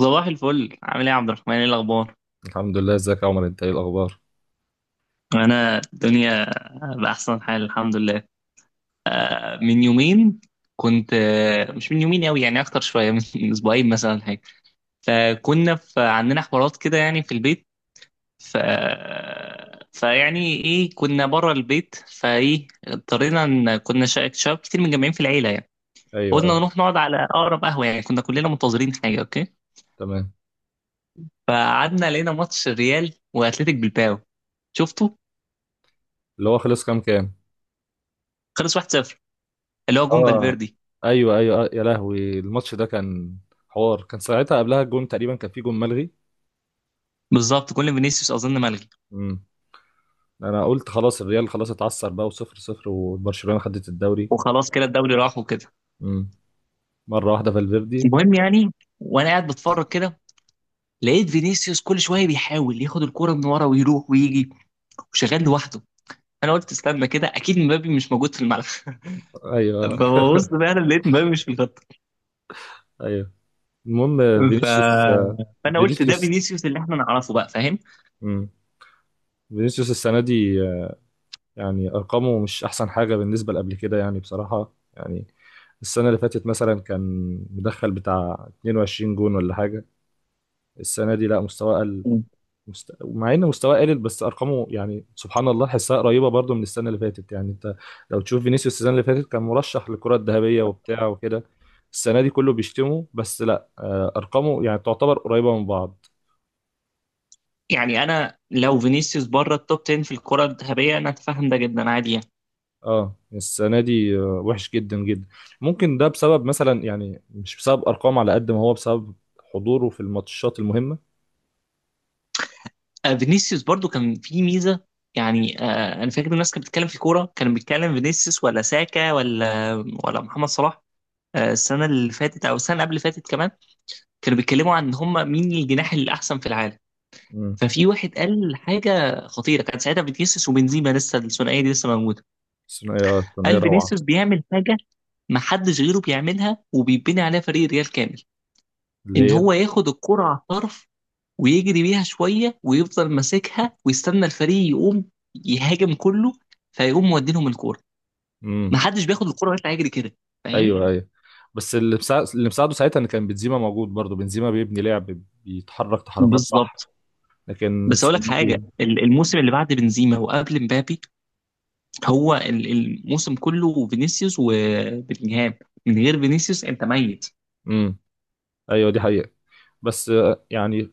صباح الفل، عامل ايه يا عبد الرحمن؟ ايه الاخبار؟ الحمد لله، ازيك يا عمر؟ انت ايه الاخبار؟ انا الدنيا باحسن حال، الحمد لله. من يومين كنت، مش من يومين قوي يعني، اكتر شويه من من اسبوعين مثلا حاجه. فكنا في عندنا حوارات كده يعني في البيت. ف فيعني ايه، كنا بره البيت، فايه اضطرينا ان كنا شباب كتير متجمعين في العيله يعني. ايوه، قلنا اه. نروح نقعد على اقرب قهوه، يعني كنا كلنا منتظرين حاجه اوكي. تمام. فقعدنا لقينا ماتش الريال واتلتيك بالباو، شفته. اللي هو خلص كام كام؟ خلص 1-0، اللي هو جون اه. فالفيردي. ايوه ايوه، اه يا لهوي، الماتش ده كان حوار. كان ساعتها قبلها الجون، تقريبا كان في جون ملغي. بالظبط، كل فينيسيوس اظن ملغي. امم انا قلت خلاص الريال خلاص اتعثر بقى، وصفر صفر وبرشلونة خدت الدوري. وخلاص كده الدوري راح وكده. امم مره واحده فالفيردي. المهم يعني، وانا قاعد بتفرج كده، لقيت فينيسيوس كل شويه بيحاول ياخد الكوره من ورا ويروح ويجي وشغال لوحده. انا قلت استنى كده، اكيد مبابي مش موجود في الملعب ايوه. فببص فعلا لقيت مبابي مش في الخط. ايوه. المهم، ف... فينيسيوس. فانا قلت ده فينيسيوس. فينيسيوس اللي احنا نعرفه بقى، فاهم؟ امم فينيسيوس السنه دي، يعني ارقامه مش احسن حاجه بالنسبه لقبل كده يعني، بصراحه يعني السنة اللي فاتت مثلا كان مدخل بتاع 22 جون ولا حاجة. السنة دي لا، مستواه قل. مع ان مستواه قلل، بس ارقامه يعني سبحان الله حسها قريبة برضو من السنة اللي فاتت. يعني انت لو تشوف فينيسيوس السنة اللي فاتت، كان مرشح للكرة الذهبية وبتاع وكده. السنة دي كله بيشتمه، بس لا، ارقامه يعني تعتبر قريبة من بعض. يعني انا لو فينيسيوس بره التوب 10 في الكره الذهبيه، انا اتفهم ده جدا، عادي يعني. اه السنة دي وحش جدا جدا. ممكن ده بسبب مثلا، يعني مش بسبب ارقام على قد ما هو بسبب حضوره في الماتشات المهمة. فينيسيوس برضو كان في ميزه. يعني انا فاكر الناس كانت بتتكلم في كوره، كان بيتكلم فينيسيوس ولا ساكا ولا محمد صلاح. السنه اللي فاتت او السنه قبل اللي فاتت كمان، كانوا بيتكلموا عن هم مين الجناح الاحسن في العالم. مم. ففي واحد قال حاجه خطيره، كان ساعتها فينيسيوس وبنزيما لسه، الثنائيه دي لسه موجوده. الثنائية الثنائية قال روعة. فينيسيوس بيعمل حاجه ما حدش غيره بيعملها، وبيبني عليها فريق ريال كامل. ان اللي هي. هو ياخد الكرة على الطرف ويجري بيها شوية ويفضل ماسكها ويستنى الفريق يقوم يهاجم كله، فيقوم مودينهم الكورة. امم محدش بياخد الكورة ويطلع يجري كده، فاهم؟ ايوه ايوه. بس اللي مساعد، اللي مساعده ساعتها ان كان بنزيما موجود، برضه بنزيما بيبني لعب، بيتحرك تحركات صح. بالظبط. لكن بس اقول لك السنه دي. حاجه، الموسم اللي بعد بنزيما وقبل مبابي، هو الموسم كله فينيسيوس وبلينجهام. من غير فينيسيوس انت ميت. امم ايوه، دي حقيقه. بس يعني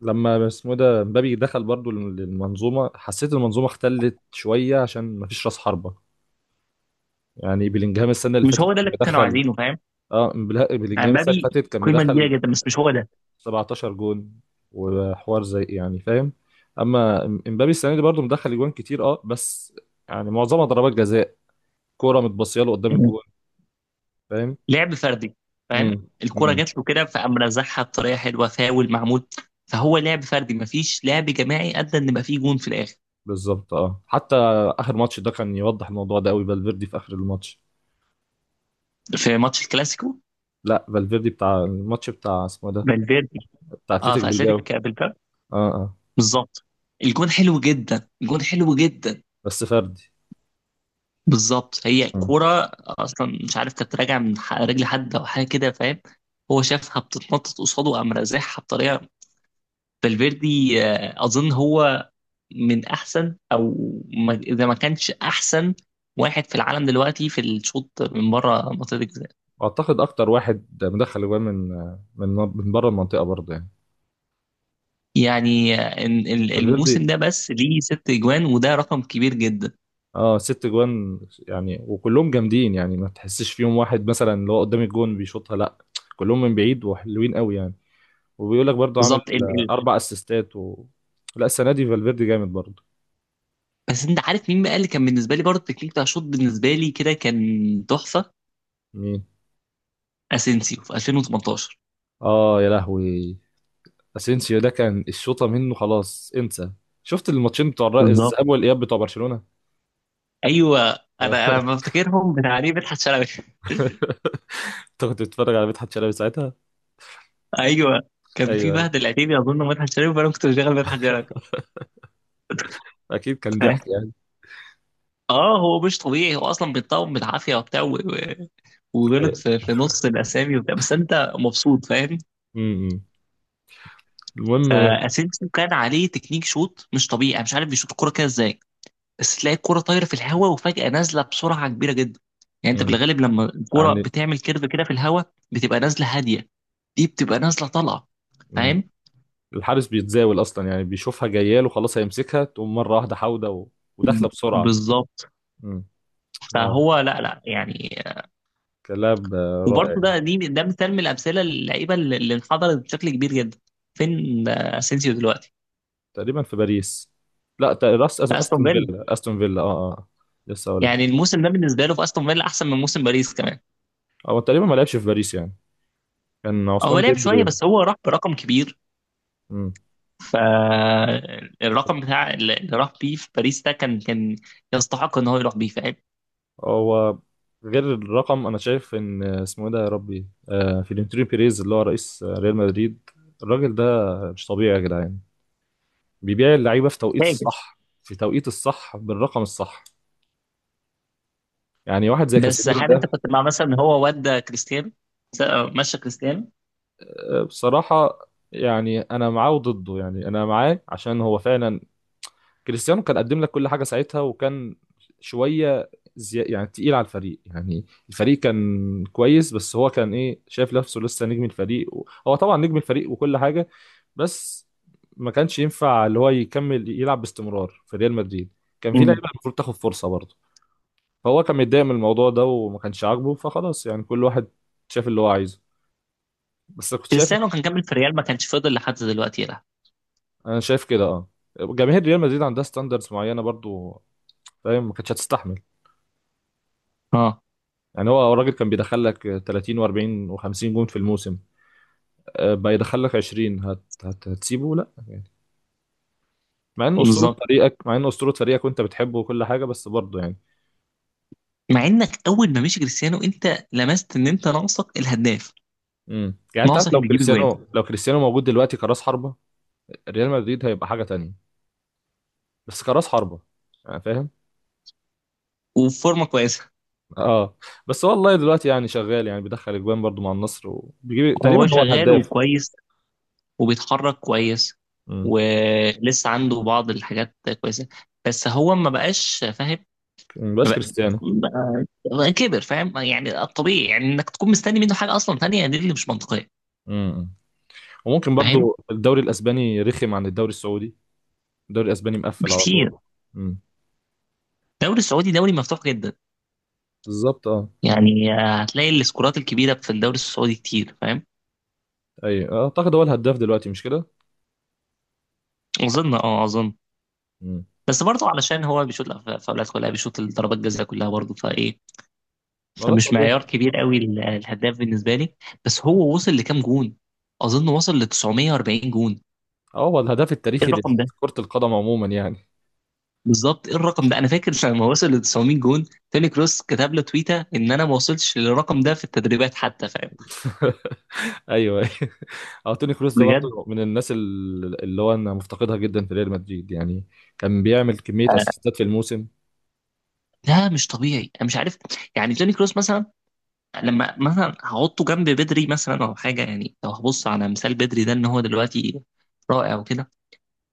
لما اسمه إيه ده مبابي دخل برضه للمنظومه، حسيت المنظومه اختلت شويه عشان مفيش راس حربه. يعني بلينجهام السنه اللي مش فاتت هو ده كان اللي كانوا مدخل. عايزينه، فاهم؟ اه، يعني بلينجهام السنه اللي مبابي فاتت كان قيمه كبيره مدخل جدا، بس مش هو ده. 17 جون وحوار زي، يعني فاهم. اما امبابي السنه دي برضه مدخل اجوان كتير، اه بس يعني معظمها ضربات جزاء، كوره متبصيه له قدام الجون. فاهم. لعب فردي، فاهم؟ امم. الكرة امم جات له كده فقام رزعها بطريقة حلوة، فاول معمول. فهو لعب فردي، مفيش لعب جماعي أدى إن يبقى فيه جون في الآخر. بالظبط، اه. حتى اخر ماتش ده كان يوضح الموضوع ده قوي، فالفيردي في اخر الماتش. في ماتش الكلاسيكو. لا، فالفيردي بتاع الماتش بتاع اسمه إيه ده، فالفيردي. بتاع اه، اتلتيك في بالباو. أتلتيك بالباب. اه اه. بالظبط، الجون حلو جدا، الجون حلو جدا. بس فردي. بالظبط، هي آه. كرة أصلا مش عارف كانت راجعة من رجل حد أو حاجة كده، فاهم؟ هو شافها بتتنطط قصاده قام رازعها بطريقة. فالفيردي، أظن هو من احسن او اذا ما كانش احسن واحد في العالم دلوقتي في الشوط من بره منطقه الجزاء. واعتقد اكتر واحد مدخل اجوان من، من من بره المنطقه برضه يعني، يعني الموسم فالفيردي. ده بس ليه 6 اجوان، وده رقم كبير جدا. اه، ست جوان، يعني وكلهم جامدين، يعني ما تحسش فيهم واحد مثلا اللي هو قدام الجون بيشوطها، لا كلهم من بعيد وحلوين قوي يعني. وبيقول لك برضه عامل بالظبط. ال ال اربع اسيستات و... لا السنه دي فالفيردي جامد برضه. بس انت عارف مين بقى اللي كان بالنسبه لي، برضه التكنيك بتاع الشوط بالنسبه لي كده كان تحفه. مين؟ اسينسيو في 2018. اه يا لهوي، اسينسيو ده كان الشوطه منه خلاص انسى. شفت الماتشين بتوع بالظبط. الذهاب والاياب بتوع برشلونه؟ ايوه. انا بفتكرهم بتعليق مدحت شلبي انت كنت بتتفرج على مدحت شلبي ساعتها؟ ايوه، كان في ايوه مهد ايوه. العتيبي اظن مدحت شلبي، فانا كنت بشغل مدحت شلبي. اكيد كان ضحك يعني. اه، هو مش طبيعي. هو اصلا بيتطور بالعافيه وبتاع وغلط أيوة. في نص الاسامي وبتاع، بس انت مبسوط، فاهم؟ م- م. المهم. فاسينسيو كان عليه تكنيك شوت مش طبيعي، انا مش عارف بيشوط الكوره كده ازاي. بس تلاقي الكوره طايره في الهواء وفجاه نازله بسرعه كبيره جدا. يعني انت م. بالغالب لما الكوره يعني. بتعمل كيرف كده في الهواء بتبقى نازله هاديه. دي بتبقى نازله طالعه، م. فاهم؟ الحارس بيتزاول اصلا يعني، بيشوفها جايه له خلاص هيمسكها، تقوم مره واحده حاوده و... وداخله بسرعه. بالظبط. امم. لا، فهو لا لا يعني. كلاعب وبرضه رائع. ده مثال من الامثله، اللعيبه اللي انحدرت بشكل كبير جدا. فين اسينسيو دلوقتي؟ تقريبا في باريس. لا، راس في استون استون فيلا. فيلا، استون فيلا، اه اه. لسه اقول لك. يعني الموسم ده بالنسبه له في استون فيلا احسن من موسم باريس كمان. هو تقريبا ما لعبش في باريس يعني، كان هو عثمان لعب شويه، ديمبلي. بس هو راح برقم كبير. امم فالرقم بتاع اللي راح بيه في باريس ده كان يستحق ان هو يروح بيه، فاهم؟ هو غير الرقم، انا شايف ان اسمه ايه ده، يا ربي، آه فلورنتينو بيريز اللي هو رئيس ريال مدريد، الراجل ده مش طبيعي يا جدعان. بيبيع اللعيبه في توقيت فاجر. الصح، في توقيت الصح، بالرقم الصح. يعني واحد زي بس كاسيميرو هل انت ده. كنت مع مثلا ان هو ودى كريستيانو، س- مشى كريستيانو؟ بصراحة يعني أنا معاه وضده. يعني أنا معاه عشان هو فعلا كريستيانو كان قدم لك كل حاجة ساعتها، وكان شوية زي يعني تقيل على الفريق، يعني الفريق كان كويس بس هو كان إيه شايف نفسه لسه نجم الفريق، هو طبعا نجم الفريق وكل حاجة، بس ما كانش ينفع اللي هو يكمل يلعب باستمرار في ريال مدريد، كان في مم. لعيبة المفروض تاخد فرصة برضه. فهو كان متضايق من الموضوع ده وما كانش عاجبه، فخلاص يعني كل واحد شاف اللي هو عايزه. بس كنت شايف. كريستيانو كان كمل في ريال، ما كانش فضل لحد دلوقتي يلعب. انا شايف كده اه، جماهير ريال مدريد عندها ستاندردز معينه برضو، فاهم. ما كانتش هتستحمل. اه يعني هو الراجل كان بيدخل لك 30 و40 و50 جون في الموسم، بقى يدخل لك 20، هتسيبه؟ لا. مع ان اسطوره بالظبط. فريقك، مع ان اسطوره فريقك وانت بتحبه وكل حاجه، بس برضه يعني. مع انك اول ما مشي كريستيانو انت لمست ان انت ناقصك الهداف، امم. يعني انت عارف، ناقصك لو اللي يجيب جوان كريستيانو، لو كريستيانو موجود دلوقتي كراس حربه، ريال مدريد هيبقى حاجه تانية. بس كراس حربه يعني، فاهم. وفورمه كويسه. اه. بس والله دلوقتي يعني شغال، يعني بيدخل اجوان برضه مع النصر، وبيجيب تقريبا وهو هو شغال الهداف. وكويس وبيتحرك كويس، امم. ولسه عنده بعض الحاجات كويسة. بس هو ما بقاش، فاهم؟ ما مبقاش بق- كريستيانو. بقى- بقى كبر، فاهم؟ يعني الطبيعي يعني انك تكون مستني منه حاجة اصلا تانية، دي اللي مش منطقية. مم. وممكن فاهم. برضو الدوري الاسباني رخم عن الدوري السعودي. الدوري الاسباني مقفل على طول. بكتير. امم الدوري السعودي دوري مفتوح جدا. بالظبط، اه. يعني هتلاقي السكورات الكبيرة في الدوري السعودي كتير، فاهم؟ اي اعتقد هو الهداف دلوقتي، مش كده؟ اظن. امم. بس برضه علشان هو بيشوط الفاولات كلها، بيشوط الضربات الجزاء كلها برضه فايه. ما ده فمش الطبيعي. معيار كبير قوي الهداف بالنسبه لي. بس هو وصل لكام جون؟ اظن وصل ل 940 جون. اه، هو الهداف ايه التاريخي الرقم ده؟ لكرة القدم عموما يعني. بالظبط، ايه الرقم ده؟ انا فاكر لما وصل ل 900 جون، توني كروس كتب له تويته ان انا ما وصلتش للرقم ده في التدريبات حتى، فاهم؟ ايوه ايوه، اه. توني كروس ده بجد، برضه من الناس اللي هو انا مفتقدها جدا في ريال مدريد يعني. كان بيعمل كمية آه، اسيستات في الموسم. ده مش طبيعي. انا مش عارف. يعني توني كروس مثلا لما مثلا هحطه جنب بدري مثلا او حاجه، يعني لو هبص على مثال بدري ده ان هو دلوقتي رائع وكده،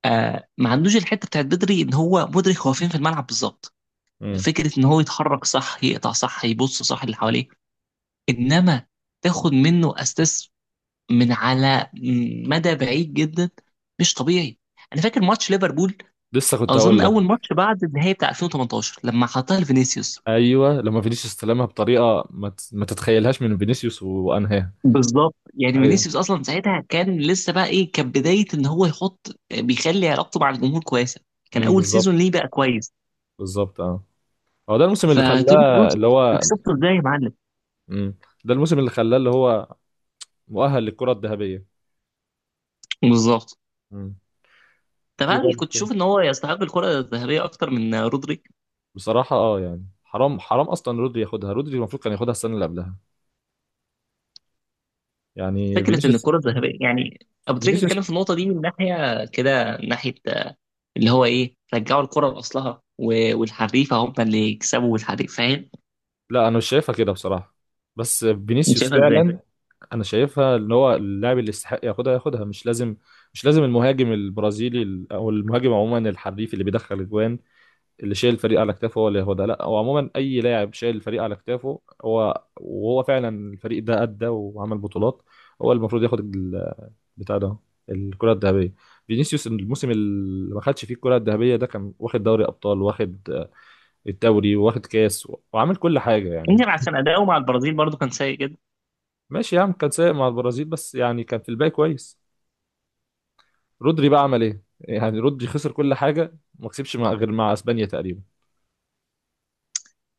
آه، ما عندوش الحته بتاعت بدري ان هو مدرك هو فين في الملعب بالظبط. امم. فكرة إن هو يتحرك صح، يقطع صح، يبص صح اللي حواليه. إنما تاخد منه أساس من على مدى بعيد جدا، مش طبيعي. أنا فاكر ماتش ليفربول، لسه كنت أظن هقول أول لك. ماتش بعد النهائي بتاع 2018 لما حطها لفينيسيوس. ايوه، لما فينيسيوس استلمها بطريقة ما تتخيلها، تتخيلهاش من فينيسيوس وانهاها. بالظبط. يعني ايوه. فينيسيوس أصلا ساعتها كان لسه بقى إيه، كان بداية إن هو يحط، بيخلي علاقته مع الجمهور كويسة. كان أول بالظبط، سيزون ليه بقى كويس. بالظبط اه. هو ده الموسم اللي فتوني خلاه كروس، اللي أنت هو. شفته إزاي يا معلم؟ مم. ده الموسم اللي خلاه اللي هو مؤهل للكرة الذهبية. بالظبط. مم. طب في هل كنت برضه. تشوف ان هو يستحق الكرة الذهبية اكتر من رودري؟ بصراحة اه، يعني حرام، حرام اصلا رودري ياخدها، رودري المفروض كان ياخدها السنة اللي قبلها، يعني فكره ان فينيسيوس. الكره الذهبيه، يعني ابو تريكه فينيسيوس. اتكلم في النقطه دي من ناحيه كده، من ناحيه اللي هو ايه، رجعوا الكره لاصلها والحريفه هم اللي يكسبوا، والحريف، فاهم؟ لا انا مش شايفها كده بصراحة. بس انت فينيسيوس شايفها ازاي؟ فعلا. انا شايفها ان هو اللاعب اللي يستحق ياخدها، ياخدها مش لازم، مش لازم المهاجم البرازيلي او المهاجم عموما، الحريف اللي بيدخل اجوان، اللي شايل الفريق على كتافه هو اللي هو ده. لا، هو عموما اي لاعب شايل الفريق على كتافه هو، وهو فعلا الفريق ده ادى وعمل بطولات، هو المفروض ياخد بتاع ده، الكرة الذهبية. فينيسيوس الموسم اللي ما خدش فيه الكرة الذهبية ده، كان واخد دوري ابطال، واخد الدوري، واخد كاس، وعامل كل حاجة يعني. يمكن عشان اداؤه مع البرازيل برضو كان سيء جدا. ماشي يا عم، كان سايق مع البرازيل بس يعني كان في الباقي كويس. رودري بقى عمل ايه؟ يعني رودري خسر كل حاجة، ما كسبش مع، غير مع اسبانيا تقريبا.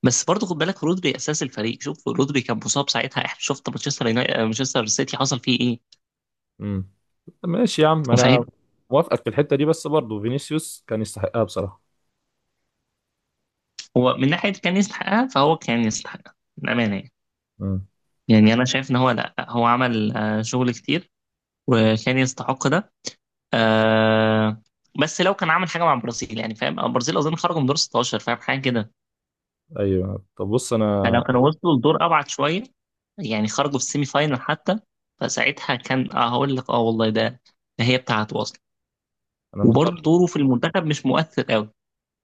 بس برضو خد بالك رودري اساس الفريق، شوف رودري كان مصاب ساعتها، احنا شفت مانشستر سيتي حصل فيه ايه، امم. ماشي يا عم، انا فاهم؟ موافقك في الحته دي بس برضه فينيسيوس كان يستحقها بصراحه. هو من ناحيه كان يستحقها، فهو كان يستحقها بامانه يعني. امم. يعني انا شايف ان هو، لا هو عمل شغل كتير وكان يستحق ده. آه بس لو كان عامل حاجه مع البرازيل يعني، فاهم؟ البرازيل اظن خرجوا من دور 16، فاهم؟ حاجه كده. ايوه طب بص، انا. فلو كانوا وصلوا لدور ابعد شويه، يعني خرجوا في السيمي فاينل حتى، فساعتها كان، هقول لك، والله ده هي بتاعته اصلا. انا وبرضه مضطر. دوره في المنتخب مش مؤثر قوي،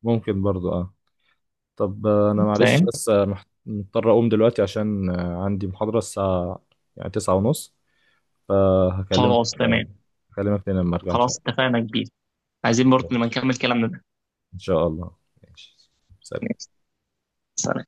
ممكن برضه اه. طب انا معلش، فاهم؟ بس مضطر اقوم دلوقتي عشان عندي محاضره الساعه يعني 9:30. فهكلمك خلاص تمام. هكلمك تاني لما ارجع ان شاء خلاص اتفقنا كبير. عايزين برضه الله. لما نكمل كلامنا ان شاء الله. ماشي. سلام. ده.